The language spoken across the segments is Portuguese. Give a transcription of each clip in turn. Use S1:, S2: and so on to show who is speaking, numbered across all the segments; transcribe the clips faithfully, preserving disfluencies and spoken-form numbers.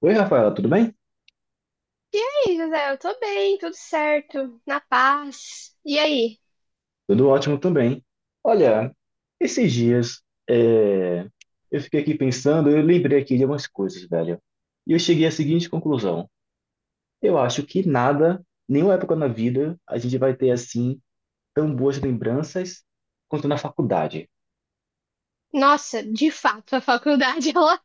S1: Oi, Rafaela, tudo bem?
S2: E aí, José, eu tô bem, tudo certo, na paz. E aí?
S1: Tudo ótimo também. Olha, esses dias é, eu fiquei aqui pensando, eu lembrei aqui de algumas coisas, velho. E eu cheguei à seguinte conclusão. Eu acho que nada, nenhuma época na vida, a gente vai ter assim tão boas lembranças quanto na faculdade.
S2: Nossa, de fato, a faculdade ela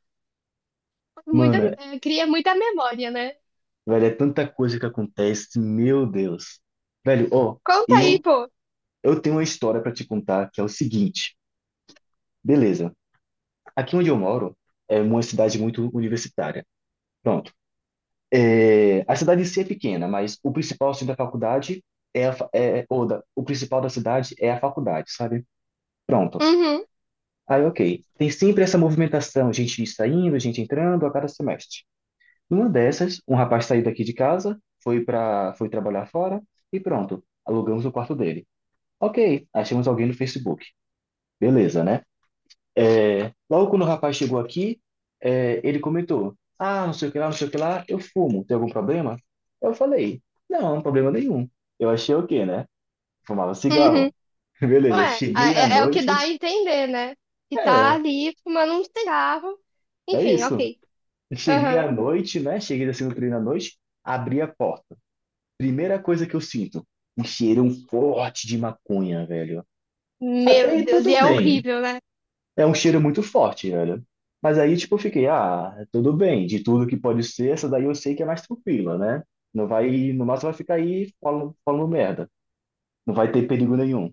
S2: faz muita-
S1: Mano,
S2: eh, cria muita memória, né?
S1: velho, é tanta coisa que acontece, meu Deus. Velho, ó,
S2: Conta aí,
S1: eu,
S2: pô.
S1: eu tenho uma história pra te contar que é o seguinte. Beleza, aqui onde eu moro é uma cidade muito universitária. Pronto. É, a cidade em si é pequena, mas o principal centro da faculdade é, a, fa- é é, ou da, o principal da cidade é a faculdade, sabe? Pronto.
S2: Uhum,
S1: Aí, ok. Tem sempre essa movimentação, gente saindo, gente entrando a cada semestre. Numa dessas, um rapaz saiu daqui de casa, foi para, foi trabalhar fora e pronto, alugamos o quarto dele. Ok, achamos alguém no Facebook. Beleza, né? É, logo quando o rapaz chegou aqui, é, ele comentou: Ah, não sei o que lá, não sei o que lá, eu fumo, tem algum problema? Eu falei: Não, problema nenhum. Eu achei o quê, né? Fumava
S2: uhum.
S1: cigarro. Beleza,
S2: Ué, a-
S1: cheguei à
S2: é, é o que dá
S1: noite,
S2: a entender, né? Que tá
S1: é,
S2: ali fumando um cigarro.
S1: é
S2: Enfim,
S1: isso.
S2: ok.
S1: Cheguei
S2: Aham.
S1: à noite, né? Cheguei assim no treino à noite, abri a porta. Primeira coisa que eu sinto, um cheirão forte de maconha, velho. Até
S2: Meu
S1: aí
S2: Deus, e
S1: tudo
S2: é
S1: bem,
S2: horrível, né?
S1: é um cheiro muito forte, velho. Mas aí, tipo, eu fiquei, ah, tudo bem, de tudo que pode ser, essa daí eu sei que é mais tranquila, né? Não vai, no máximo vai ficar aí falando, falando merda. Não vai ter perigo nenhum.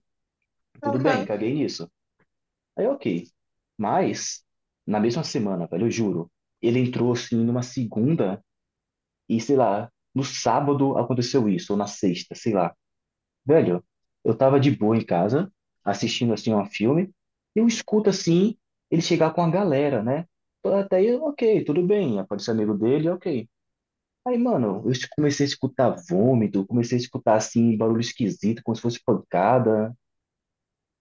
S1: Tudo bem,
S2: Aham.
S1: caguei nisso. Aí, ok. Mas, na mesma semana, velho, eu juro, ele entrou assim numa segunda e, sei lá, no sábado aconteceu isso, ou na sexta, sei lá. Velho, eu tava de boa em casa, assistindo assim um filme, e eu escuto assim ele chegar com a galera, né? Até aí, ok, tudo bem, aparece amigo dele, ok. Aí, mano, eu es- comecei a escutar vômito, comecei a escutar assim barulho esquisito, como se fosse pancada,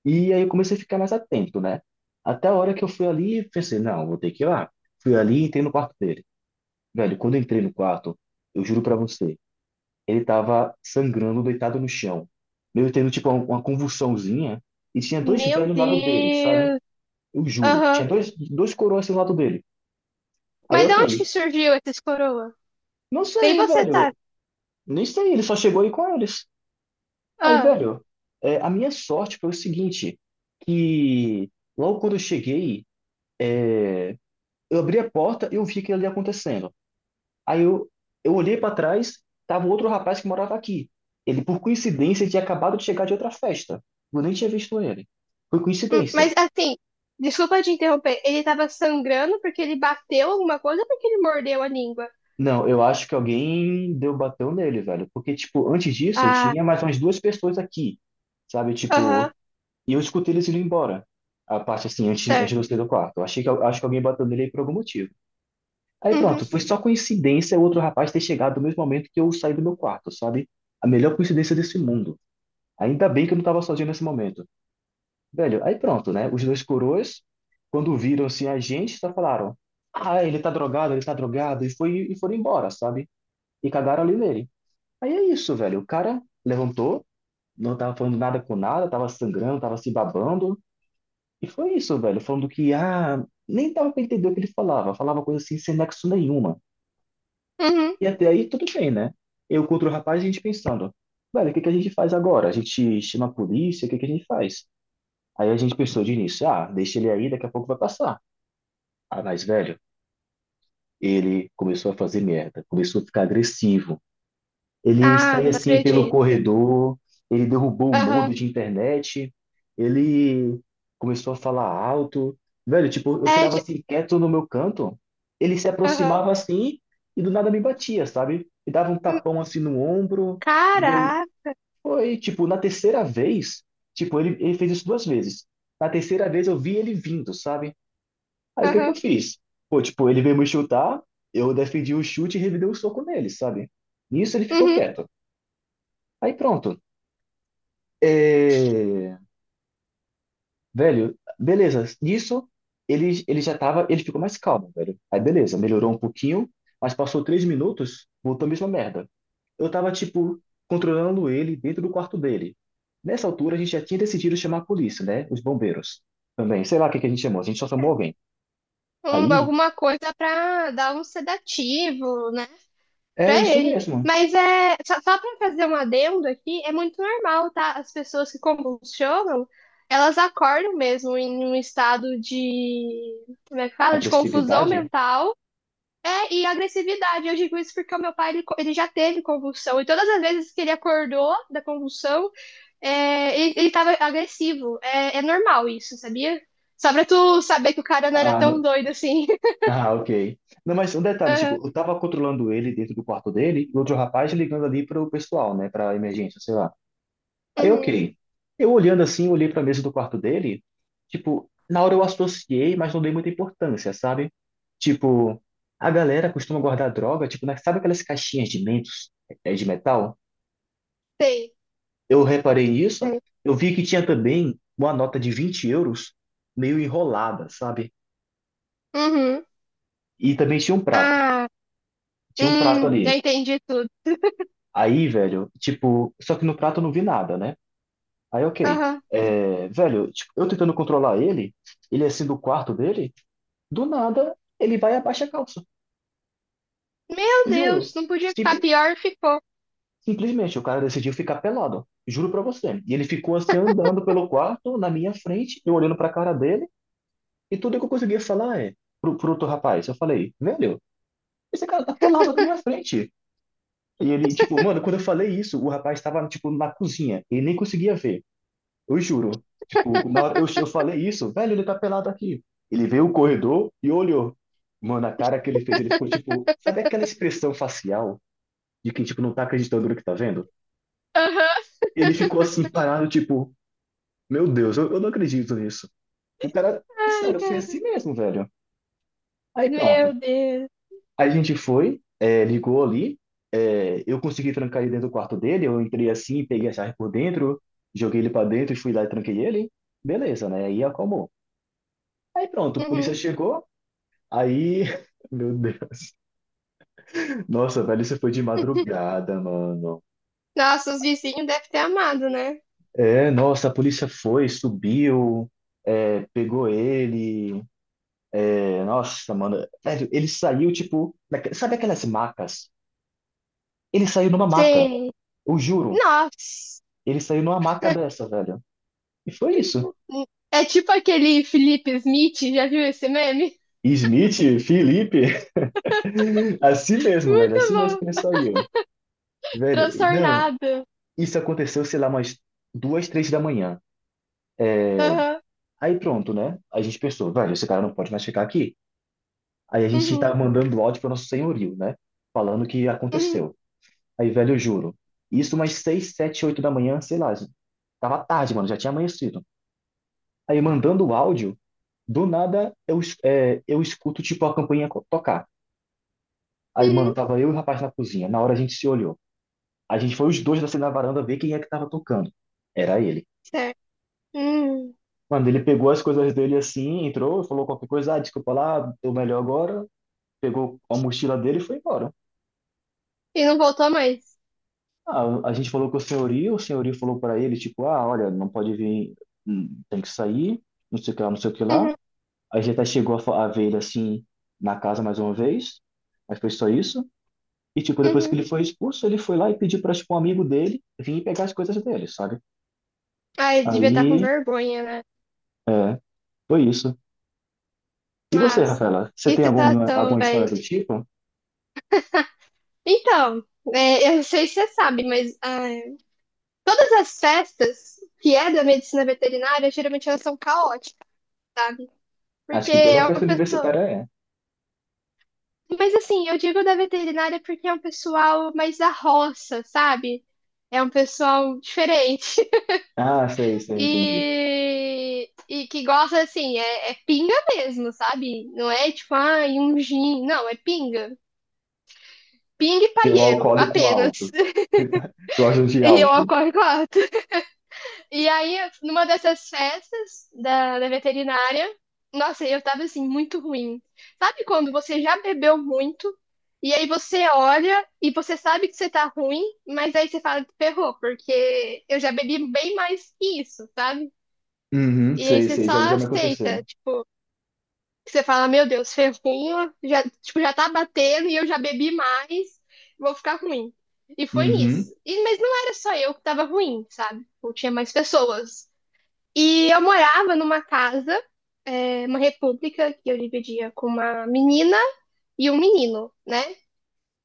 S1: e aí eu comecei a ficar mais atento, né? Até a hora que eu fui ali, e pensei, não, vou ter que ir lá. Fui ali e entrei no quarto dele. Velho, quando eu entrei no quarto, eu juro pra você ele estava sangrando, deitado no chão. Meio tendo, tipo, uma uma convulsãozinha. E tinha dois
S2: Meu
S1: velhos do lado dele, sabe?
S2: Deus.
S1: Eu juro.
S2: Aham.
S1: Tinha dois, dois coroas assim do lado dele. Aí,
S2: Mas de
S1: ok.
S2: onde que surgiu esses coroa?
S1: Não
S2: Nem
S1: sei,
S2: você sabe.
S1: velho. Nem sei, ele só chegou aí com eles. Aí,
S2: Ah.
S1: velho, é, a minha sorte foi o seguinte, que logo quando eu cheguei, é, eu abri a porta e eu vi aquilo ali acontecendo. Aí eu, eu olhei para trás, tava um outro rapaz que morava aqui. Ele, por coincidência, tinha acabado de chegar de outra festa. Eu nem tinha visto ele. Foi
S2: Hum, mas
S1: coincidência.
S2: assim, desculpa te interromper. Ele tava sangrando porque ele bateu alguma coisa ou porque ele mordeu a língua?
S1: Não, eu acho que alguém deu bateu nele, velho. Porque, tipo, antes disso,
S2: Ah,
S1: tinha mais umas duas pessoas aqui, sabe?
S2: aham,
S1: Tipo, e eu escutei eles indo embora. A parte, assim, antes, antes de
S2: certo.
S1: eu sair do quarto. Eu achei que, acho que alguém bateu nele aí por algum motivo. Aí
S2: Uhum,
S1: pronto, foi só coincidência o outro rapaz ter chegado no mesmo momento que eu saí do meu quarto, sabe? A melhor coincidência desse mundo. Ainda bem que eu não tava sozinho nesse momento. Velho, aí pronto, né? Os dois coroas, quando viram-se a gente, só falaram: Ah, ele tá drogado, ele tá drogado, e, foi, e foram embora, sabe? E cagaram ali nele. Aí é isso, velho. O cara levantou, não tava falando nada com nada, tava sangrando, tava se babando, e foi isso, velho. Falando que, ah, nem dava pra entender o que ele falava, falava coisa assim sem nexo nenhuma.
S2: uhum.
S1: E até aí tudo bem, né? Eu contra o rapaz, a gente pensando: Velho, o que que a gente faz agora? A gente chama a polícia, o que que a gente faz? Aí a gente pensou de início: Ah, deixa ele aí, daqui a pouco vai passar. A mais velho, ele começou a fazer merda, começou a ficar agressivo. Ele
S2: Ah,
S1: saía
S2: não
S1: assim pelo
S2: acredito.
S1: corredor, ele derrubou o
S2: Aham,
S1: modo de internet, ele começou a falar alto. Velho, tipo, eu
S2: é
S1: ficava
S2: de.
S1: assim quieto no meu canto, ele se
S2: Aham.
S1: aproximava assim e do nada me batia, sabe? Me dava um
S2: Hum,
S1: tapão assim no ombro, e deu...
S2: caraca.
S1: Foi, tipo, na terceira vez, tipo, ele, ele fez isso duas vezes. Na terceira vez eu vi ele vindo, sabe? Aí o que que eu
S2: Aham,
S1: fiz? Pô, tipo, ele veio me chutar, eu defendi o chute e revidei o soco nele, sabe? Nisso ele ficou
S2: uhum.
S1: quieto. Aí pronto. É... Velho, beleza. Nisso ele, ele já tava, ele ficou mais calmo, velho. Aí beleza, melhorou um pouquinho, mas passou três minutos, voltou a mesma merda. Eu tava, tipo, controlando ele dentro do quarto dele. Nessa altura a gente já tinha decidido chamar a polícia, né? Os bombeiros também. Sei lá o que que a gente chamou, a gente só chamou alguém.
S2: Um-
S1: Aí,
S2: alguma coisa pra dar um sedativo, né?
S1: é
S2: Pra
S1: isso
S2: ele.
S1: mesmo.
S2: Mas é só, só para fazer um adendo aqui, é muito normal, tá? As pessoas que convulsionam, elas acordam mesmo em um estado de, como é que fala? De confusão
S1: Agressividade.
S2: mental, é, e agressividade. Eu digo isso porque o meu pai, ele, co- ele já teve convulsão, e todas as vezes que ele acordou da convulsão, é, ele, ele tava agressivo. É, é normal isso, sabia? Só pra tu saber que o cara não era tão doido assim.
S1: Ah, ok. Não, mas um detalhe, tipo,
S2: Aham.
S1: eu tava controlando ele dentro do quarto dele, e outro rapaz ligando ali pro pessoal, né, pra emergência, sei lá. Aí,
S2: Uhum.
S1: ok. Eu olhando assim, olhei pra mesa do quarto dele, tipo, na hora eu associei, mas não dei muita importância, sabe? Tipo, a galera costuma guardar droga, tipo, na- sabe aquelas caixinhas de mentos, é, de metal?
S2: Sei,
S1: Eu reparei nisso,
S2: sei.
S1: eu vi que tinha também uma nota de vinte euros meio enrolada, sabe?
S2: Uhum.
S1: E também tinha um prato.
S2: Ah.
S1: Tinha um prato
S2: Hum, já
S1: ali.
S2: entendi tudo.
S1: Aí, velho, tipo, só que no prato eu não vi nada, né? Aí, ok.
S2: Aham.
S1: É, velho, tipo, eu tentando controlar ele, ele é assim do quarto dele, do nada ele vai e abaixa a calça.
S2: Meu Deus,
S1: Juro.
S2: não podia ficar
S1: Simple-
S2: pior, ficou.
S1: simplesmente, o cara decidiu ficar pelado. Juro pra você. E ele ficou assim andando pelo quarto, na minha frente, eu olhando pra cara dele, e tudo que eu conseguia falar é pro, pro outro rapaz. Eu falei, velho, esse cara tá pelado na minha frente. E ele, tipo, mano, quando eu falei isso, o rapaz tava, tipo, na cozinha. Ele nem conseguia ver. Eu juro. Tipo, na hora eu, eu falei isso, velho, ele tá pelado aqui. Ele veio o corredor e olhou. Mano, a cara que ele fez, ele ficou tipo, sabe aquela expressão facial de quem, tipo, não tá acreditando no que tá vendo?
S2: Aham.
S1: Ele ficou assim, parado, tipo, meu Deus, eu, eu não acredito nisso. O cara, é
S2: Ai,
S1: sério, foi
S2: cara.
S1: assim mesmo, velho. Aí
S2: Meu
S1: pronto.
S2: Deus.
S1: Aí a gente foi, é, ligou ali, é, eu consegui trancar ele dentro do quarto dele, eu entrei assim, peguei a chave por dentro, joguei ele pra dentro e fui lá e tranquei ele. Beleza, né? Aí acalmou. Aí pronto, a polícia
S2: Uhum.
S1: chegou, aí, meu Deus. Nossa, velho, isso foi de madrugada, mano.
S2: Nossa, os vizinhos devem ter amado, né?
S1: É, nossa, a polícia foi, subiu, é, pegou ele. É, nossa, mano. Velho, ele saiu, tipo, naque- sabe aquelas macas? Ele saiu numa maca,
S2: Sim.
S1: eu juro.
S2: Nossa.
S1: Ele saiu numa maca dessa, velho. E foi isso.
S2: É tipo aquele Felipe Smith, já viu esse meme?
S1: Smith, Felipe, assim mesmo, velho,
S2: Muito
S1: assim mesmo que ele
S2: bom.
S1: saiu. Velho, não,
S2: Transtornado.
S1: isso aconteceu, sei lá, umas duas, três da manhã. É,
S2: Aham.
S1: aí pronto, né? A gente pensou, velho, esse cara não pode mais ficar aqui. Aí a gente tá
S2: Uhum.
S1: mandando áudio para nosso senhorio, né? Falando o que
S2: Uhum.
S1: aconteceu. Aí, velho, eu juro. Isso umas seis, sete, oito da manhã, sei lá. Tava tarde, mano, já tinha amanhecido. Aí mandando o áudio, do nada eu, es- é, eu escuto tipo a campainha co- tocar. Aí, mano,
S2: Uhum.
S1: tava eu e o rapaz na cozinha. Na hora a gente se olhou. A gente foi os dois assim na varanda ver quem é que tava tocando. Era ele.
S2: Certo. Hum.
S1: Mano, ele pegou as coisas dele assim, entrou, falou qualquer coisa, ah, desculpa lá, tô melhor agora, pegou a mochila dele e foi embora.
S2: E não voltou mais.
S1: Ah, a gente falou com o senhorio, o senhorio falou para ele, tipo, ah, olha, não pode vir, hum, tem que sair, não sei o que lá, não sei o que lá.
S2: Uhum.
S1: A gente até chegou a, fa- a ver ele assim na casa mais uma vez, mas foi só isso. E, tipo, depois que
S2: Uhum.
S1: ele foi expulso, ele foi lá e pediu para tipo, um amigo dele vir pegar as coisas dele, sabe?
S2: Ai, devia estar com
S1: Aí,
S2: vergonha, né?
S1: é, foi isso. E você,
S2: Nossa.
S1: Rafaela, você
S2: Que
S1: tem alguma,
S2: situação,
S1: alguma história
S2: velho.
S1: do tipo?
S2: Então, é, eu não sei se você sabe, mas ah, todas as festas que é da medicina veterinária, geralmente elas são caóticas, sabe? Porque
S1: Acho que toda
S2: é
S1: festa
S2: uma pessoa.
S1: universitária é.
S2: Mas assim, eu digo da veterinária porque é um pessoal mais da roça, sabe? É um pessoal diferente.
S1: Ah, sei, sei, entendi.
S2: E, e que gosta, assim, é, é pinga mesmo, sabe? Não é tipo, ah um gin. Não, é pinga. Pinga e
S1: E o
S2: paieiro,
S1: alcoólico
S2: apenas.
S1: alto. Gosto de
S2: E eu
S1: álcool.
S2: ocorre claro. E aí, numa dessas festas da, da veterinária, nossa, eu tava assim, muito ruim. Sabe quando você já bebeu muito, e aí você olha e você sabe que você tá ruim, mas aí você fala, ferrou, porque eu já bebi bem mais que isso, sabe?
S1: Uhum,
S2: E aí
S1: sei,
S2: você
S1: sei, já,
S2: só
S1: já me
S2: aceita,
S1: aconteceu.
S2: tipo, que você fala, meu Deus, ferrou, já, tipo, já tá batendo e eu já bebi mais, vou ficar ruim. E foi isso.
S1: Uhum.
S2: E, mas não era só eu que tava ruim, sabe? Tipo, tinha mais pessoas. E eu morava numa casa, é, uma república, que eu dividia com uma menina e um menino, né?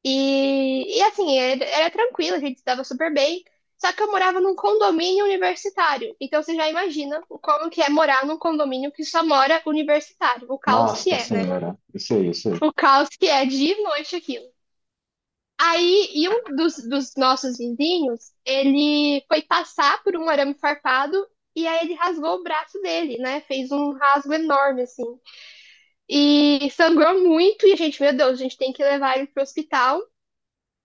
S2: E, e assim, era, era tranquilo, a gente se dava super bem. Só que eu morava num condomínio universitário. Então você já imagina o como que é morar num condomínio que só mora universitário, o caos que
S1: Nossa
S2: é, né?
S1: senhora, eu sei, eu sei.
S2: O caos que é de noite aquilo. Aí, e um dos, dos nossos vizinhos, ele foi passar por um arame farpado e aí ele rasgou o braço dele, né? Fez um rasgo enorme, assim. E sangrou muito e a gente, meu Deus, a gente tem que levar ele pro hospital.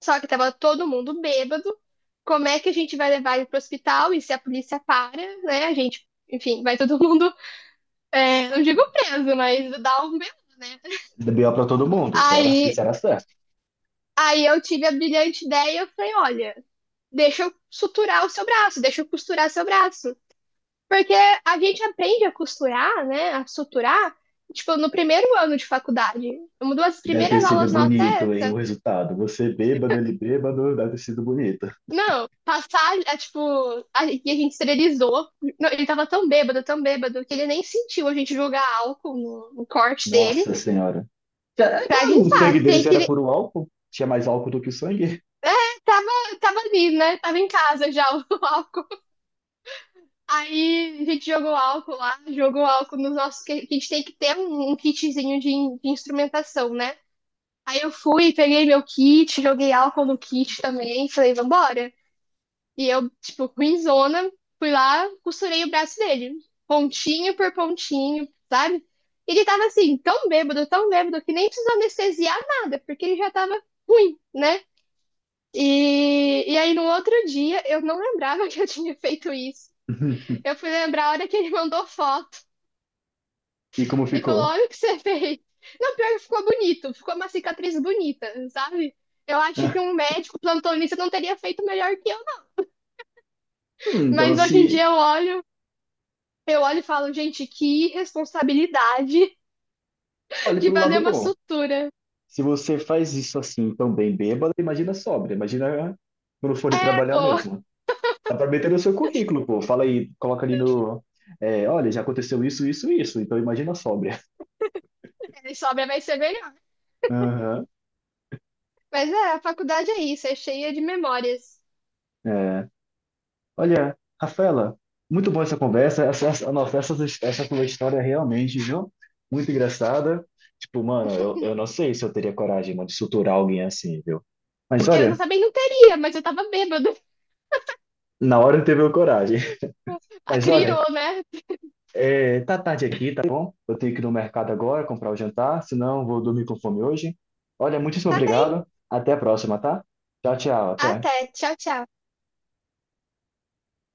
S2: Só que tava todo mundo bêbado. Como é que a gente vai levar ele pro hospital? E se a polícia para, né? A gente, enfim, vai todo mundo, é, não digo preso, mas dá um belo, né?
S1: B O pra todo mundo, isso era,
S2: Aí,
S1: isso era certo.
S2: aí eu tive a brilhante ideia, eu falei, olha, deixa eu suturar o seu braço, deixa eu costurar seu braço. Porque a gente aprende a costurar, né, a suturar, tipo, no primeiro ano de faculdade. Uma das
S1: Deve ter
S2: primeiras
S1: sido
S2: aulas nossas é,
S1: bonito, hein, o resultado. Você bêbado, ele bêbado, deve ter sido bonito.
S2: não, passar, é, tipo, a, e a gente esterilizou. Não, ele tava tão bêbado, tão bêbado, que ele nem sentiu a gente jogar álcool no, no corte dele
S1: Nossa senhora. É
S2: pra
S1: claro, o sangue
S2: limpar. Tem
S1: deles
S2: que,
S1: era
S2: ele
S1: puro álcool. Tinha mais álcool do que sangue.
S2: tava, tava ali, né, tava em casa já o álcool. Aí a gente jogou álcool lá, jogou álcool nos nossos. Que a gente tem que ter um, um kitzinho de, in- de instrumentação, né? Aí eu fui, peguei meu kit, joguei álcool no kit também, falei, vambora. E eu, tipo, ruinzona, fui lá, costurei o braço dele, pontinho por pontinho, sabe? Ele tava assim, tão bêbado, tão bêbado, que nem precisou anestesiar nada, porque ele já tava ruim, né? E, e aí no outro dia, eu não lembrava que eu tinha feito isso. Eu fui lembrar a hora que ele mandou foto.
S1: E como
S2: Ele
S1: ficou?
S2: falou: Olha o que você fez. Não, pior que ficou bonito, ficou uma cicatriz bonita, sabe? Eu acho que um médico plantonista não teria feito melhor que eu, né?
S1: Hum, então,
S2: Mas hoje em dia
S1: se...
S2: eu olho, eu olho e falo, gente, que responsabilidade
S1: Olha
S2: de
S1: pelo
S2: fazer
S1: lado
S2: uma
S1: bom.
S2: sutura.
S1: Se você faz isso assim, tão bem bêbado, imagina sóbrio. Imagina quando for ir
S2: É,
S1: trabalhar
S2: pô,
S1: mesmo. Dá pra meter no seu currículo, pô. Fala aí, coloca ali no. É, olha, já aconteceu isso, isso, isso. Então imagina a sóbria.
S2: ele sobra vai ser melhor.
S1: Aham.
S2: Mas é, a faculdade é isso, é cheia de memórias.
S1: É. Olha, Rafaela, muito boa essa conversa. Essa, essa, nossa, essa, essa tua história realmente, viu? Muito engraçada. Tipo, mano, eu, eu não sei se eu teria coragem, mano, de suturar alguém assim, viu? Mas
S2: Eu não
S1: olha,
S2: também não teria, mas eu tava bêbado.
S1: na hora não teve coragem.
S2: A
S1: Mas
S2: criou,
S1: olha,
S2: né?
S1: é, tá tarde aqui, tá bom? Eu tenho que ir no mercado agora comprar o jantar, senão vou dormir com fome hoje. Olha, muitíssimo
S2: Tá bem.
S1: obrigado. Até a próxima, tá? Tchau, tchau, até.
S2: Até. Tchau, tchau.